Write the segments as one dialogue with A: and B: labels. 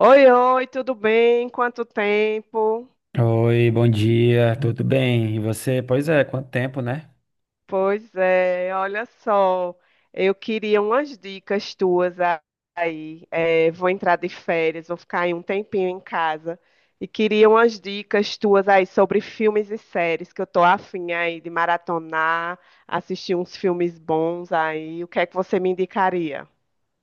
A: Oi, oi, tudo bem? Quanto tempo?
B: Oi, bom dia, tudo bem? E você? Pois é, quanto tempo, né?
A: Pois é, olha só, eu queria umas dicas tuas aí. Vou entrar de férias, vou ficar aí um tempinho em casa e queria umas dicas tuas aí sobre filmes e séries que eu tô afim aí de maratonar, assistir uns filmes bons aí. O que é que você me indicaria?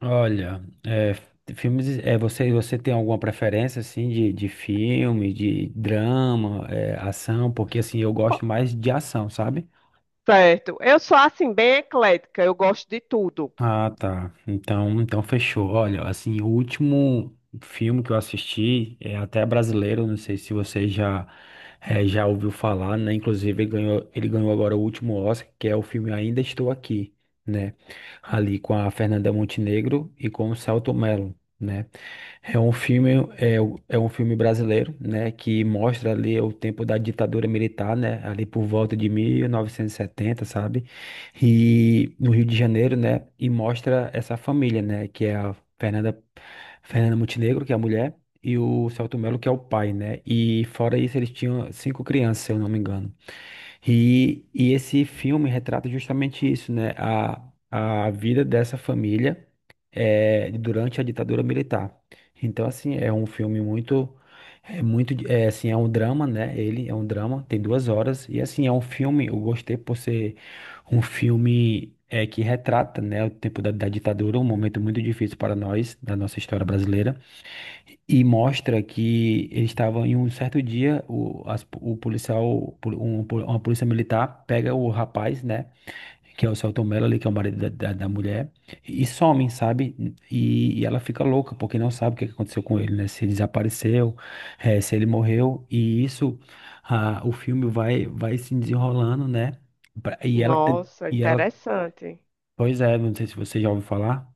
B: Olha, é, filmes, é, você tem alguma preferência, assim, de, filme, de drama, é, ação? Porque, assim, eu gosto mais de ação, sabe?
A: Certo, eu sou assim bem eclética, eu gosto de tudo.
B: Ah, tá. Então fechou. Olha, assim, o último filme que eu assisti é até brasileiro, não sei se você já já ouviu falar, né? Inclusive, ele ganhou agora o último Oscar, que é o filme Ainda Estou Aqui, né? Ali com a Fernanda Montenegro e com o Selton Mello, né? É um filme, é, é um filme brasileiro, né, que mostra ali o tempo da ditadura militar, né, ali por volta de 1970, sabe? E no Rio de Janeiro, né? E mostra essa família, né? Que é a Fernanda, Fernanda Montenegro, que é a mulher, e o Celto Melo, que é o pai, né? E fora isso, eles tinham cinco crianças, se eu não me engano. E esse filme retrata justamente isso, né? A vida dessa família durante a ditadura militar. Então, assim, é um filme muito, é muito, é, assim, é um drama, né? Ele é um drama, tem duas horas. E, assim, é um filme, eu gostei por ser um filme é, que retrata, né, o tempo da ditadura, um momento muito difícil para nós, da nossa história brasileira. E mostra que eles estavam em um certo dia, o policial, uma polícia militar pega o rapaz, né? Que é o Celton Mello ali, que é o marido da mulher, e some, sabe? E ela fica louca, porque não sabe o que que aconteceu com ele, né? Se ele desapareceu, se ele morreu. E isso, ah, o filme vai se desenrolando, né? E ela, ten-
A: Nossa,
B: e ela,
A: interessante.
B: pois é, não sei se você já ouviu falar.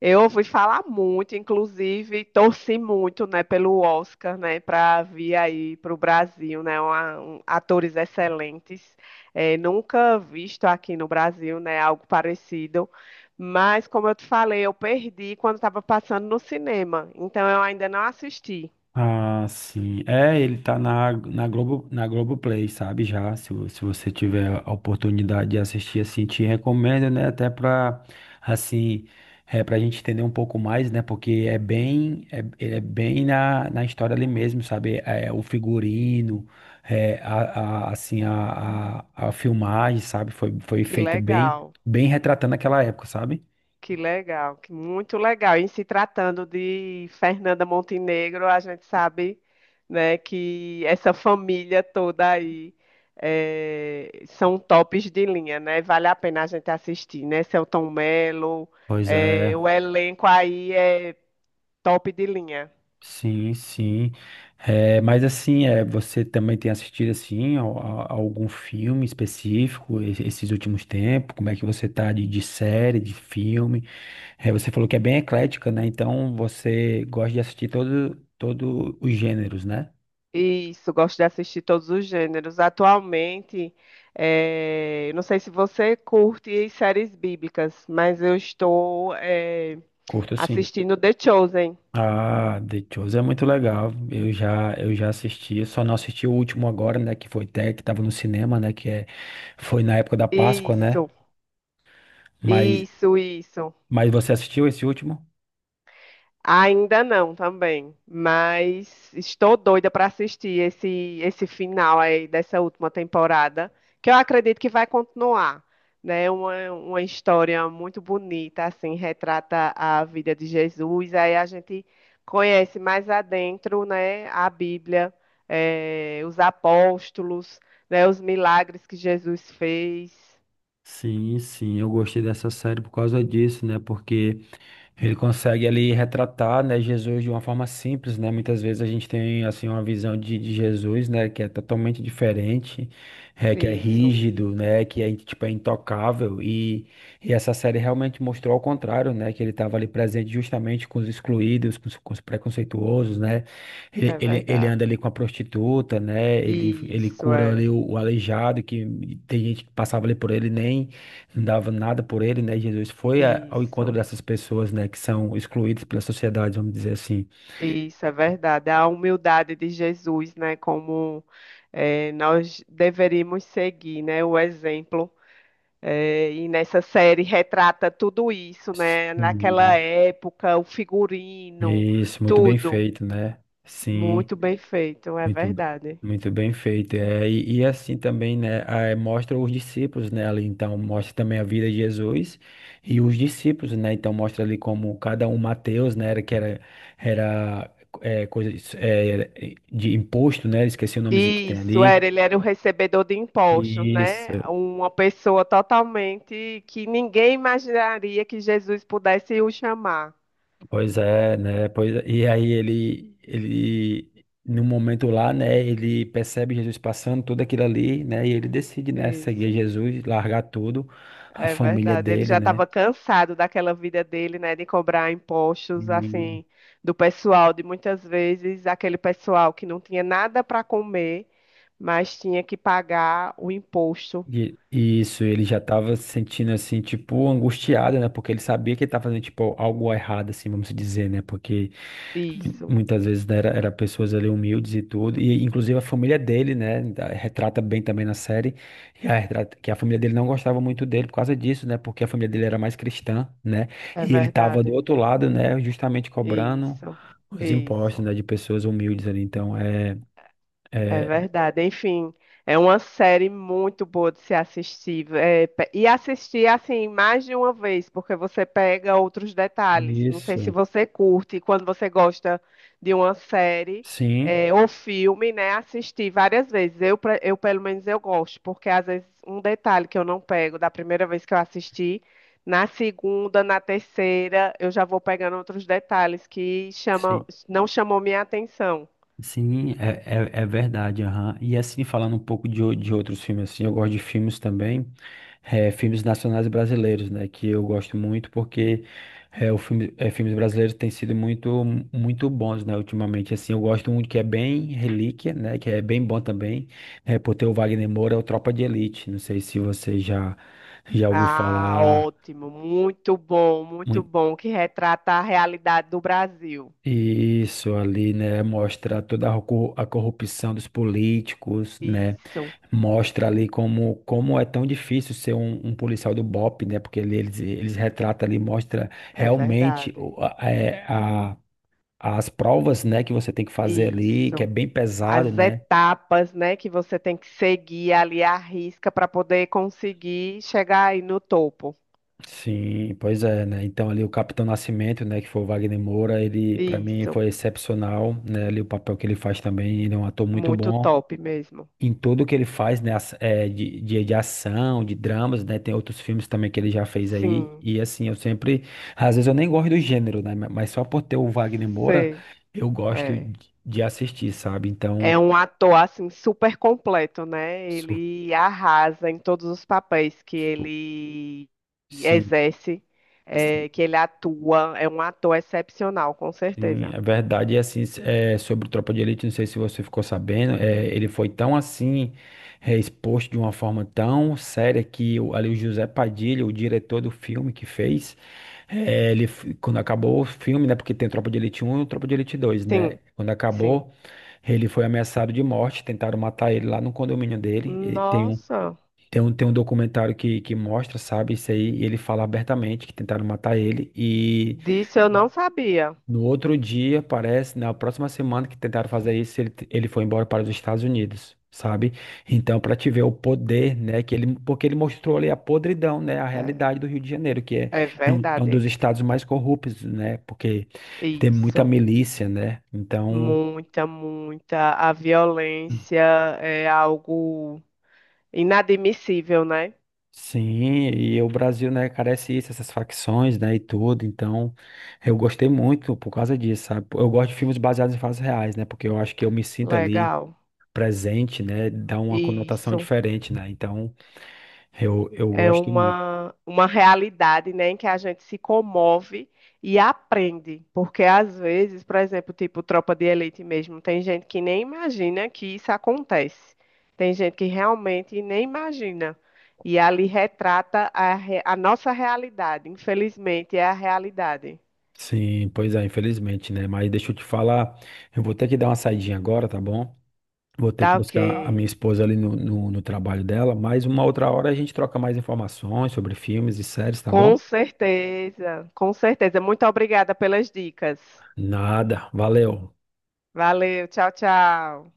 A: Eu ouvi falar muito, inclusive torci muito, né, pelo Oscar, né, para vir aí para o Brasil, né, atores excelentes. É, nunca visto aqui no Brasil, né, algo parecido. Mas como eu te falei, eu perdi quando estava passando no cinema, então eu ainda não assisti.
B: Ah, sim. É, ele tá na Globo, na Globoplay, sabe? Já, se, se você tiver a oportunidade de assistir, assim, te recomendo, né? Até pra, assim, é, pra gente entender um pouco mais, né? Porque é bem, é, ele é bem na história ali mesmo, sabe? É, o figurino, é, assim, a filmagem, sabe? Foi
A: Que
B: feita bem,
A: legal.
B: bem retratando aquela época, sabe?
A: Que legal, que muito legal. E se tratando de Fernanda Montenegro, a gente sabe, né, que essa família toda aí são tops de linha, né? Vale a pena a gente assistir, né? Selton Mello,
B: Pois é.
A: o elenco aí é top de linha.
B: Sim, sim. É, mas assim, é, você também tem assistido assim a algum filme específico esses últimos tempos? Como é que você tá de série, de filme? É, você falou que é bem eclética, né? Então você gosta de assistir todo os gêneros, né?
A: Isso, gosto de assistir todos os gêneros. Atualmente, não sei se você curte séries bíblicas, mas eu estou,
B: Curto assim.
A: assistindo The Chosen.
B: Ah, The Chosen é muito legal. Eu já assisti, eu só não assisti o último agora, né? Que foi até que tava no cinema, né? Que é, foi na época da Páscoa, né?
A: Isso,
B: Mas,
A: isso, isso.
B: mas você assistiu esse último?
A: Ainda não também, mas estou doida para assistir esse final aí dessa última temporada, que eu acredito que vai continuar, né? Uma história muito bonita, assim, retrata a vida de Jesus. Aí a gente conhece mais adentro, né? A Bíblia, os apóstolos, né? Os milagres que Jesus fez.
B: Sim, sim, eu gostei dessa série por causa disso, né? Porque ele consegue ali retratar, né, Jesus de uma forma simples, né? Muitas vezes a gente tem assim uma visão de Jesus, né, que é totalmente diferente, é, que é
A: Isso.
B: rígido, né, que é tipo é intocável e essa série realmente mostrou ao contrário, né, que ele estava ali presente justamente com os excluídos, com os preconceituosos, né?
A: É
B: Ele anda
A: verdade.
B: ali com a prostituta, né? Ele
A: Isso
B: cura ali
A: é,
B: o aleijado que tem gente que passava ali por ele nem não dava nada por ele, né? Jesus foi ao encontro
A: isso,
B: dessas pessoas, né, que são excluídas pela sociedade, vamos dizer assim.
A: isso é verdade. A humildade de Jesus, né? Como nós deveríamos seguir, né? O exemplo. E nessa série retrata tudo isso, né? Naquela
B: Uhum.
A: época, o figurino,
B: Isso, muito bem
A: tudo.
B: feito, né? Sim,
A: Muito bem feito, é
B: muito,
A: verdade.
B: muito bem feito. É, e assim também, né, ah, mostra os discípulos, né, ali, então mostra também a vida de Jesus e os discípulos, né? Então mostra ali como cada um, Mateus, né, era que era era é, é, de imposto, né? Esqueci o nomezinho que tem
A: Isso, era,
B: ali.
A: ele era o recebedor de impostos, né?
B: Isso,
A: Uma pessoa totalmente que ninguém imaginaria que Jesus pudesse o chamar.
B: pois é, né? Pois é. E aí ele, no momento lá, né? Ele percebe Jesus passando tudo aquilo ali, né? E ele decide, né? Seguir
A: Isso,
B: Jesus, largar tudo, a
A: é
B: família
A: verdade. Ele
B: dele,
A: já
B: né?
A: estava cansado daquela vida dele, né, de cobrar
B: E,
A: impostos, assim, do pessoal, de muitas vezes aquele pessoal que não tinha nada para comer, mas tinha que pagar o imposto.
B: e isso, ele já tava se sentindo assim, tipo, angustiado, né? Porque ele sabia que ele tava fazendo, tipo, algo errado, assim, vamos dizer, né? Porque
A: Isso,
B: muitas vezes né, era pessoas ali humildes e tudo, e inclusive a família dele, né, retrata bem também na série, e que a família dele não gostava muito dele por causa disso, né, porque a família dele era mais cristã, né,
A: é
B: e ele tava do
A: verdade.
B: outro lado, né, justamente cobrando
A: Isso,
B: os impostos,
A: isso.
B: né, de pessoas humildes ali, então é,
A: É
B: é
A: verdade. Enfim, é uma série muito boa de se assistir. E assistir assim mais de uma vez, porque você pega outros detalhes. Não sei se
B: isso,
A: você curte, quando você gosta de uma série
B: sim,
A: é, ou filme, né? Assistir várias vezes. Eu, pelo menos, eu gosto, porque às vezes um detalhe que eu não pego da primeira vez que eu assisti, na segunda, na terceira, eu já vou pegando outros detalhes que chamam,
B: sim.
A: não chamou minha atenção.
B: Sim, é, é verdade, aham. E assim, falando um pouco de outros filmes, assim, eu gosto de filmes também, filmes nacionais brasileiros, né, que eu gosto muito porque filmes brasileiros têm sido muito, muito bons, né, ultimamente, assim, eu gosto muito que é bem Relíquia, né, que é bem bom também, por ter o Wagner Moura, é o Tropa de Elite, não sei se você já, já ouviu
A: Ah,
B: falar
A: ótimo, muito
B: muito
A: bom, que retrata a realidade do Brasil.
B: isso ali, né, mostra toda a corrupção dos políticos, né,
A: Isso,
B: mostra ali como, como é tão difícil ser um, um policial do BOP, né? Porque eles retratam ali, mostra
A: é
B: realmente
A: verdade.
B: as provas, né, que você tem que fazer ali, que é
A: Isso.
B: bem pesado,
A: As
B: né?
A: etapas, né, que você tem que seguir ali à risca para poder conseguir chegar aí no topo.
B: Sim, pois é, né? Então ali o Capitão Nascimento, né, que foi o Wagner Moura, ele para mim
A: Isso,
B: foi excepcional, né? Ali o papel que ele faz também, ele é um ator muito
A: muito
B: bom.
A: top mesmo.
B: Em tudo que ele faz, né, é, de ação, de dramas, né, tem outros filmes também que ele já fez aí,
A: Sim,
B: e assim, eu sempre, às vezes eu nem gosto do gênero, né, mas só por ter o Wagner Moura,
A: sei.
B: eu gosto
A: É.
B: de assistir, sabe,
A: É
B: então,
A: um ator assim super completo, né?
B: su-
A: Ele arrasa em todos os papéis que
B: su-
A: ele
B: sim,
A: exerce,
B: sim,
A: é, que ele atua. É um ator excepcional, com
B: sim,
A: certeza.
B: é verdade, e assim, é, sobre o Tropa de Elite, não sei se você ficou sabendo, é, ele foi tão assim, é, exposto de uma forma tão séria que o, ali o José Padilha, o diretor do filme que fez, é, ele, quando acabou o filme, né? Porque tem Tropa de Elite Um e Tropa de Elite Dois,
A: Sim,
B: né? Quando
A: sim.
B: acabou, ele foi ameaçado de morte, tentaram matar ele lá no condomínio dele. E tem um,
A: Nossa,
B: tem um, tem um documentário que mostra, sabe, isso aí. E ele fala abertamente que tentaram matar ele. E
A: disso eu não sabia.
B: no outro dia, parece, na próxima semana que tentaram fazer isso, ele foi embora para os Estados Unidos, sabe? Então, para te ver o poder, né, que ele, porque ele mostrou ali a podridão, né, a
A: É,
B: realidade do Rio de Janeiro, que é,
A: é
B: é, é um dos
A: verdade.
B: estados mais corruptos, né, porque tem muita
A: Isso.
B: milícia, né? Então,
A: Muita, muita. A violência é algo inadmissível, né?
B: sim, e o Brasil, né, carece isso, essas facções, né, e tudo. Então, eu gostei muito por causa disso, sabe? Eu gosto de filmes baseados em fatos reais, né, porque eu acho que eu me sinto ali
A: Legal.
B: presente, né, dá uma conotação
A: Isso.
B: diferente, né? Então, eu
A: É
B: gosto muito.
A: uma realidade, né, em que a gente se comove e aprende. Porque às vezes, por exemplo, tipo Tropa de Elite mesmo, tem gente que nem imagina que isso acontece. Tem gente que realmente nem imagina. E ali retrata a, re- a nossa realidade. Infelizmente, é a realidade.
B: Sim, pois é, infelizmente, né? Mas deixa eu te falar, eu vou ter que dar uma saidinha agora, tá bom? Vou ter
A: Tá
B: que
A: ok.
B: buscar a minha esposa ali no trabalho dela, mas uma outra hora a gente troca mais informações sobre filmes e séries, tá bom?
A: Com certeza, com certeza. Muito obrigada pelas dicas.
B: Nada, valeu.
A: Valeu, tchau, tchau.